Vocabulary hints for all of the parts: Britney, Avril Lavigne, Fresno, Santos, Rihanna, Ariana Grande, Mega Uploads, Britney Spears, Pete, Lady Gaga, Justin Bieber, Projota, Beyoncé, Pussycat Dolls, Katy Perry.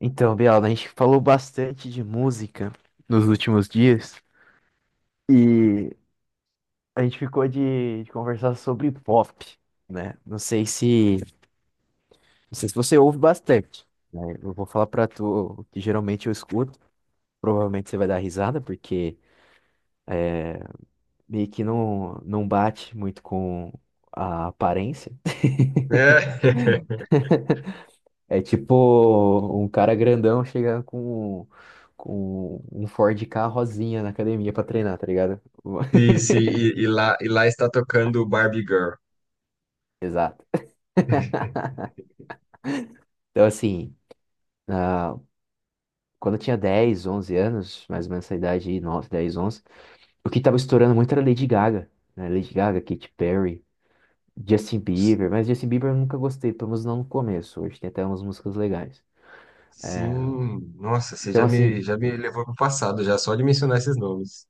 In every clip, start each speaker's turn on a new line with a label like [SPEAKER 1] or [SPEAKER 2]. [SPEAKER 1] Então, Bial, a gente falou bastante de música nos últimos dias e a gente ficou de conversar sobre pop, né? Não sei se, não sei se você ouve bastante, né? Eu vou falar pra tu o que geralmente eu escuto, provavelmente você vai dar risada porque meio que não bate muito com a aparência.
[SPEAKER 2] É.
[SPEAKER 1] É tipo um cara grandão chegando com um Ford K rosinha na academia pra treinar, tá ligado?
[SPEAKER 2] Sim, sim, e lá está tocando Barbie Girl.
[SPEAKER 1] Exato. Então, assim, na- quando eu tinha 10, 11 anos, mais ou menos essa idade aí, 9, 10, 11, o que tava estourando muito era Lady Gaga, né? Lady Gaga, Katy Perry, Justin Bieber, mas Justin Bieber eu nunca gostei, pelo menos não no começo. Hoje tem até umas músicas legais.
[SPEAKER 2] Sim, nossa, você
[SPEAKER 1] Então,
[SPEAKER 2] já me,
[SPEAKER 1] assim,
[SPEAKER 2] já me levou pro passado, já só de mencionar esses nomes.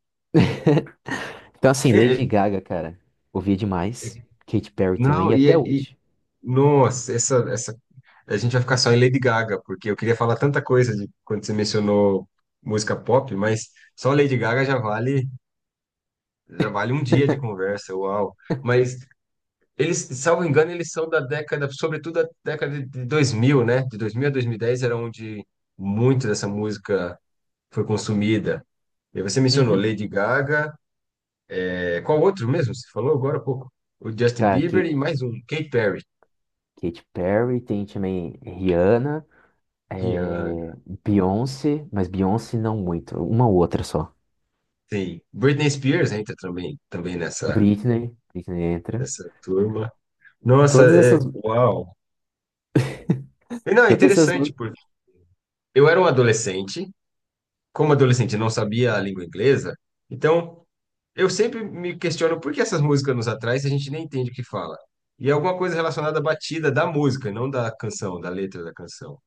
[SPEAKER 1] então, assim,
[SPEAKER 2] É, é,
[SPEAKER 1] Lady Gaga, cara, ouvia
[SPEAKER 2] é.
[SPEAKER 1] demais. Katy Perry também,
[SPEAKER 2] Não,
[SPEAKER 1] e até
[SPEAKER 2] e
[SPEAKER 1] hoje.
[SPEAKER 2] nossa, a gente vai ficar só em Lady Gaga, porque eu queria falar tanta coisa de quando você mencionou música pop, mas só Lady Gaga já vale um dia de conversa, uau. Mas eles, salvo engano, eles são da década, sobretudo da década de 2000, né? De 2000 a 2010 era onde muito dessa música foi consumida. E você mencionou
[SPEAKER 1] Uhum.
[SPEAKER 2] Lady Gaga, é, qual outro mesmo? Você falou agora há pouco. O Justin
[SPEAKER 1] Cara,
[SPEAKER 2] Bieber e mais um, Katy Perry.
[SPEAKER 1] Katy Perry, tem também Rihanna, é,
[SPEAKER 2] Rihanna.
[SPEAKER 1] Beyoncé, mas Beyoncé não muito, uma outra só.
[SPEAKER 2] Sim. Britney Spears entra também nessa,
[SPEAKER 1] Britney entra.
[SPEAKER 2] nessa turma. Nossa,
[SPEAKER 1] Todas
[SPEAKER 2] é,
[SPEAKER 1] essas,
[SPEAKER 2] uau. E não, é
[SPEAKER 1] todas essas
[SPEAKER 2] interessante,
[SPEAKER 1] músicas.
[SPEAKER 2] porque eu era um adolescente, como adolescente eu não sabia a língua inglesa, então eu sempre me questiono por que essas músicas nos atraem se a gente nem entende o que fala. E é alguma coisa relacionada à batida da música, não da canção, da letra da canção.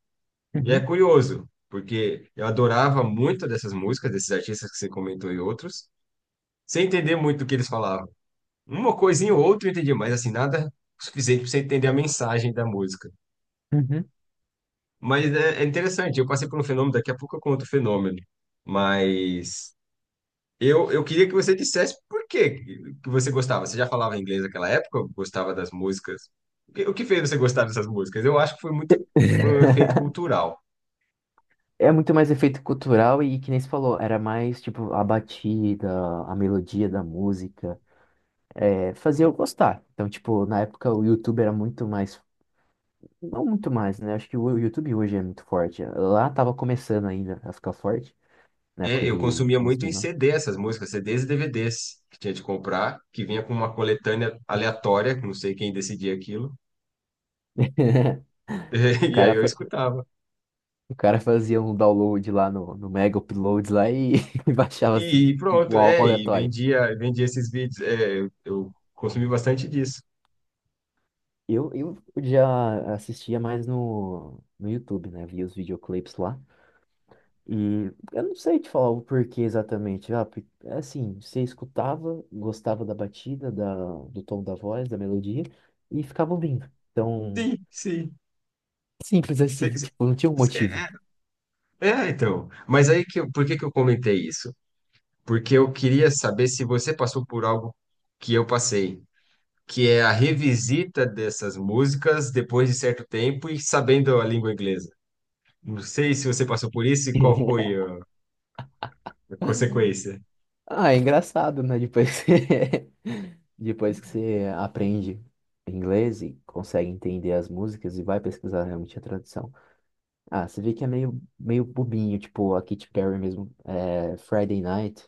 [SPEAKER 2] E é
[SPEAKER 1] Uhum,
[SPEAKER 2] curioso, porque eu adorava muito dessas músicas, desses artistas que você comentou e outros, sem entender muito o que eles falavam. Uma coisinha ou outra eu entendi, mas assim, nada suficiente para você entender a mensagem da música.
[SPEAKER 1] uhum.
[SPEAKER 2] Mas é interessante, eu passei por um fenômeno, daqui a pouco eu conto o fenômeno. Mas eu queria que você dissesse por que que você gostava. Você já falava inglês naquela época? Gostava das músicas? O que fez você gostar dessas músicas? Eu acho que foi muito um efeito cultural.
[SPEAKER 1] É muito mais efeito cultural e que nem você falou, era mais tipo a batida, a melodia da música, é, fazia eu gostar. Então, tipo, na época o YouTube era muito mais, não muito mais, né? Acho que o YouTube hoje é muito forte. Lá tava começando ainda a ficar forte, na
[SPEAKER 2] É,
[SPEAKER 1] época de
[SPEAKER 2] eu consumia muito em
[SPEAKER 1] 2009.
[SPEAKER 2] CD essas músicas, CDs e DVDs que tinha de comprar, que vinha com uma coletânea aleatória, que não sei quem decidia aquilo,
[SPEAKER 1] O
[SPEAKER 2] e aí
[SPEAKER 1] cara,
[SPEAKER 2] eu escutava.
[SPEAKER 1] o cara fazia um download lá no Mega Uploads lá e, e baixava assim,
[SPEAKER 2] E
[SPEAKER 1] o
[SPEAKER 2] pronto,
[SPEAKER 1] álbum
[SPEAKER 2] é, e
[SPEAKER 1] aleatório.
[SPEAKER 2] vendia esses vídeos. É, eu consumi bastante disso.
[SPEAKER 1] Eu já assistia mais no YouTube, né? Via os videoclipes lá. E eu não sei te falar o porquê exatamente. Ah, é assim, você escutava, gostava da batida, da, do tom da voz, da melodia, e ficava ouvindo. Então,
[SPEAKER 2] Sim, sim.
[SPEAKER 1] simples assim,
[SPEAKER 2] Cê-
[SPEAKER 1] tipo, não tinha um
[SPEAKER 2] cê-
[SPEAKER 1] motivo.
[SPEAKER 2] É, então. Mas aí que eu, por que que eu comentei isso? Porque eu queria saber se você passou por algo que eu passei, que é a revisita dessas músicas depois de certo tempo e sabendo a língua inglesa. Não sei se você passou por isso e qual foi a consequência.
[SPEAKER 1] Ah, é engraçado, né? Depois que, depois que você aprende inglês e consegue entender as músicas e vai pesquisar realmente a tradução. Ah, você vê que é meio, meio bobinho, tipo a Katy Perry mesmo. É, Friday Night,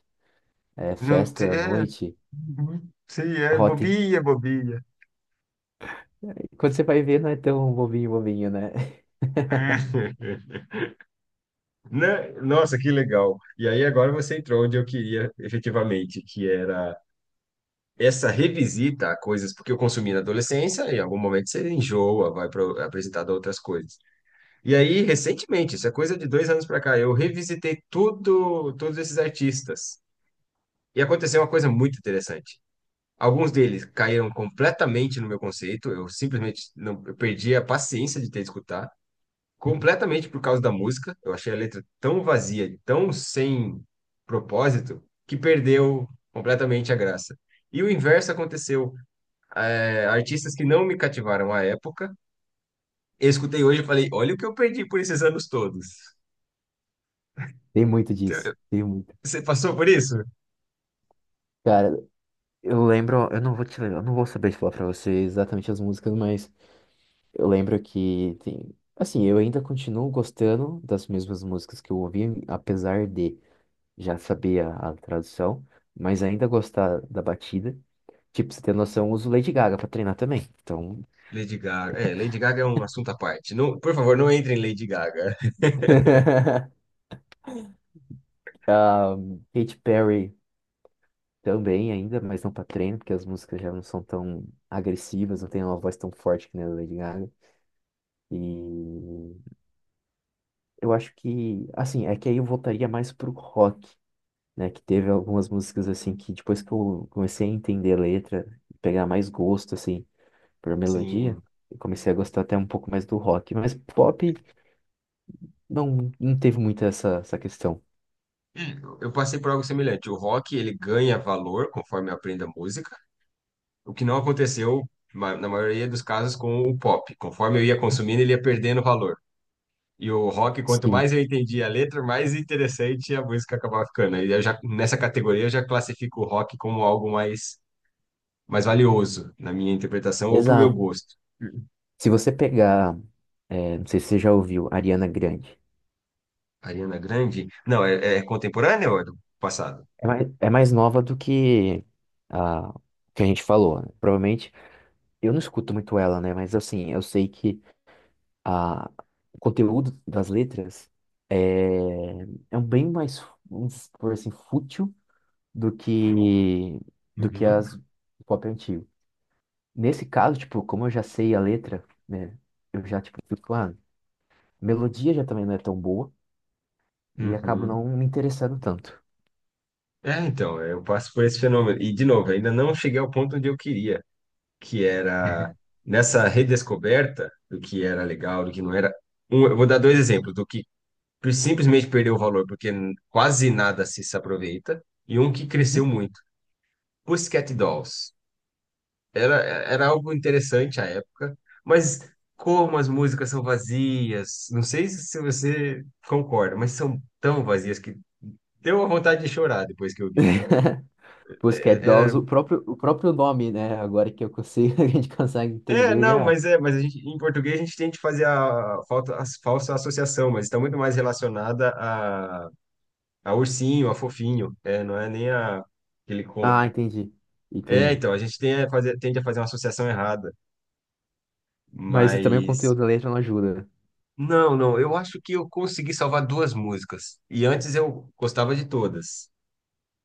[SPEAKER 1] é,
[SPEAKER 2] Não te-
[SPEAKER 1] festa à
[SPEAKER 2] É,
[SPEAKER 1] noite,
[SPEAKER 2] uhum, sei, é
[SPEAKER 1] Rotten.
[SPEAKER 2] bobinha, bobinha.
[SPEAKER 1] Quando você vai ver, não é tão bobinho, bobinho, né?
[SPEAKER 2] Né? Nossa, que legal. E aí agora você entrou onde eu queria efetivamente, que era essa revisita a coisas porque eu consumi na adolescência, e em algum momento você enjoa, vai para apresentar outras coisas. E aí, recentemente, isso é coisa de 2 anos para cá, eu revisitei tudo, todos esses artistas. E aconteceu uma coisa muito interessante. Alguns deles caíram completamente no meu conceito, eu simplesmente não, eu perdi a paciência de ter de escutar, completamente por causa da música. Eu achei a letra tão vazia, tão sem propósito, que perdeu completamente a graça. E o inverso aconteceu, é, artistas que não me cativaram à época. Eu escutei hoje e falei, olha o que eu perdi por esses anos todos.
[SPEAKER 1] Tem muito disso, tem muito.
[SPEAKER 2] Você passou por isso?
[SPEAKER 1] Cara, eu lembro, eu não vou te lembrar, eu não vou saber te falar pra você exatamente as músicas, mas eu lembro que tem. Assim, eu ainda continuo gostando das mesmas músicas que eu ouvi, apesar de já saber a tradução, mas ainda gostar da batida. Tipo, pra você ter noção, eu uso Lady Gaga pra treinar também. Então.
[SPEAKER 2] Lady Gaga. É, Lady Gaga é um assunto à parte. Não, por favor, não entre em Lady Gaga.
[SPEAKER 1] Um, Katy Perry também ainda, mas não pra treino, porque as músicas já não são tão agressivas, não tem uma voz tão forte que nem a da Lady Gaga. E eu acho que, assim, é que aí eu voltaria mais pro rock, né? Que teve algumas músicas, assim, que depois que eu comecei a entender a letra, pegar mais gosto, assim, por melodia,
[SPEAKER 2] Sim,
[SPEAKER 1] eu comecei a gostar até um pouco mais do rock. Mas pop não, não teve muito essa questão.
[SPEAKER 2] eu passei por algo semelhante. O rock, ele ganha valor conforme eu aprendo a música, o que não aconteceu na maioria dos casos com o pop. Conforme eu ia consumindo, ele ia perdendo valor. E o rock, quanto
[SPEAKER 1] Sim,
[SPEAKER 2] mais eu entendia a letra, mais interessante a música acabava ficando. E eu já, nessa categoria, eu já classifico o rock como algo mais valioso, na minha interpretação, ou para o meu
[SPEAKER 1] exato.
[SPEAKER 2] gosto.
[SPEAKER 1] Se você pegar, é, não sei se você já ouviu, Ariana Grande,
[SPEAKER 2] Ariana Grande? Não, é contemporânea ou é do passado?
[SPEAKER 1] é mais nova do a que a gente falou, né? Provavelmente, eu não escuto muito ela, né? Mas assim, eu sei que a, o conteúdo das letras é, é um bem mais, vamos por assim, fútil do que do que
[SPEAKER 2] Uhum,
[SPEAKER 1] as pop antigo. Nesse caso, tipo, como eu já sei a letra, né? Eu já, tipo, fico, ah, a melodia já também não é tão boa e acabo
[SPEAKER 2] uhum.
[SPEAKER 1] não me interessando tanto.
[SPEAKER 2] É, então, é, eu passo por esse fenômeno. E, de novo, ainda não cheguei ao ponto onde eu queria, que era nessa redescoberta do que era legal, do que não era. Eu vou dar dois exemplos, do que simplesmente perdeu o valor porque quase nada se aproveita, e um que cresceu
[SPEAKER 1] Uhum.
[SPEAKER 2] muito. Pussycat Dolls. Era algo interessante à época, mas como as músicas são vazias, não sei se você concorda, mas são tão vazias que deu uma vontade de chorar depois que eu vi.
[SPEAKER 1] Pussycat
[SPEAKER 2] É,
[SPEAKER 1] Dolls, o próprio nome, né? Agora que eu consigo, a gente consegue
[SPEAKER 2] é, é,
[SPEAKER 1] entender
[SPEAKER 2] não,
[SPEAKER 1] já.
[SPEAKER 2] mas é, mas a gente, em português a gente tem que fazer a, falta, a falsa associação, mas está muito mais relacionada a ursinho, a fofinho, é, não é nem a, aquele com.
[SPEAKER 1] Ah, entendi.
[SPEAKER 2] É,
[SPEAKER 1] Entendi.
[SPEAKER 2] então, a gente tem a fazer, tende a fazer uma associação errada,
[SPEAKER 1] Mas também o
[SPEAKER 2] mas.
[SPEAKER 1] conteúdo da letra não ajuda.
[SPEAKER 2] Não, não, eu acho que eu consegui salvar duas músicas. E antes eu gostava de todas.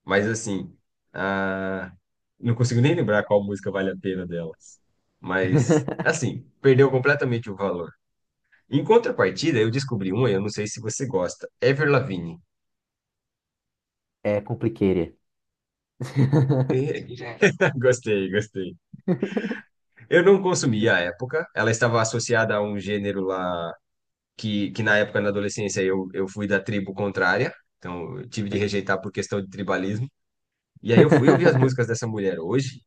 [SPEAKER 2] Mas assim, ah, não consigo nem lembrar qual música vale a pena delas. Mas, assim, perdeu completamente o valor. Em contrapartida, eu descobri uma, eu não sei se você gosta, Ever Lavigne.
[SPEAKER 1] É complicated.
[SPEAKER 2] Gostei, gostei. Eu não consumi à época. Ela estava associada a um gênero lá que na época, na adolescência, eu fui da tribo contrária. Então, eu tive de rejeitar por questão de tribalismo. E aí eu fui ouvir as músicas dessa mulher hoje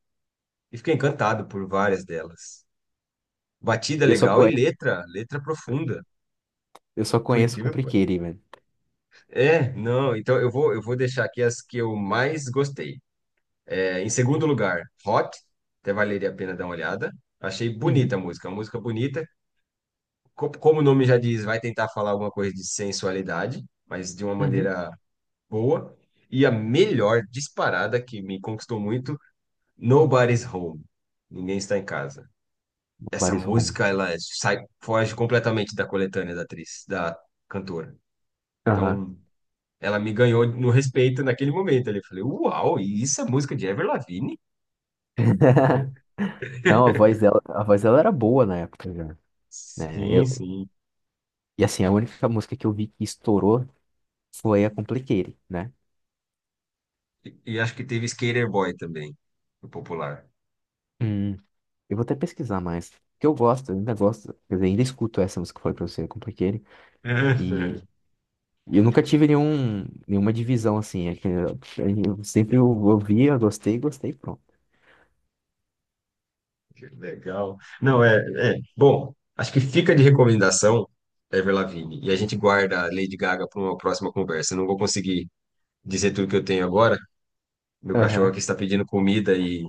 [SPEAKER 2] e fiquei encantado por várias delas. Batida
[SPEAKER 1] Eu só
[SPEAKER 2] legal e
[SPEAKER 1] conheço,
[SPEAKER 2] letra profunda,
[SPEAKER 1] eu só
[SPEAKER 2] por
[SPEAKER 1] conheço
[SPEAKER 2] incrível que pareça.
[SPEAKER 1] complicated, mano.
[SPEAKER 2] É, não, então eu vou deixar aqui as que eu mais gostei. É, em segundo lugar, Hot, até valeria a pena dar uma olhada. Achei bonita
[SPEAKER 1] Uhum.
[SPEAKER 2] a música, uma música bonita. Como o nome já diz, vai tentar falar alguma coisa de sensualidade, mas de uma
[SPEAKER 1] Uhum.
[SPEAKER 2] maneira boa. E a melhor disparada que me conquistou muito, Nobody's Home. Ninguém está em casa. Essa
[SPEAKER 1] Nobody's home.
[SPEAKER 2] música ela sai, foge completamente da coletânea da atriz, da cantora.
[SPEAKER 1] Aham.
[SPEAKER 2] Então, ela me ganhou no respeito naquele momento. Ali eu falei, uau, e isso é música de Avril Lavigne? É.
[SPEAKER 1] Não, a voz dela era boa na época já, né?
[SPEAKER 2] Sim,
[SPEAKER 1] Eu,
[SPEAKER 2] sim.
[SPEAKER 1] e assim, a única música que eu vi que estourou foi a Complicated, né?
[SPEAKER 2] E acho que teve Skater Boy também, no popular.
[SPEAKER 1] Hum, eu vou até pesquisar mais. Porque eu gosto, eu ainda gosto, quer dizer, ainda escuto essa música que eu falei pra você, Complicated.
[SPEAKER 2] É, é.
[SPEAKER 1] E eu nunca tive nenhum, nenhuma divisão assim. É que eu sempre ouvia, gostei, gostei, pronto.
[SPEAKER 2] Que legal. Não, é, é. Bom, acho que fica de recomendação Ever Lavigne. E a gente guarda a Lady Gaga para uma próxima conversa. Eu não vou conseguir dizer tudo que eu tenho agora. Meu cachorro
[SPEAKER 1] Aham.
[SPEAKER 2] aqui está pedindo comida e,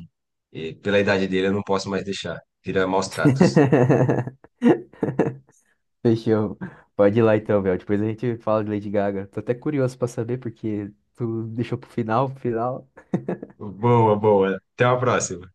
[SPEAKER 2] e pela idade dele eu não posso mais deixar. Vira maus tratos.
[SPEAKER 1] Fechou. Pode ir lá então, Bel. Depois a gente fala de Lady Gaga. Tô até curioso pra saber, porque tu deixou pro final, pro final.
[SPEAKER 2] Boa, boa. Até a próxima.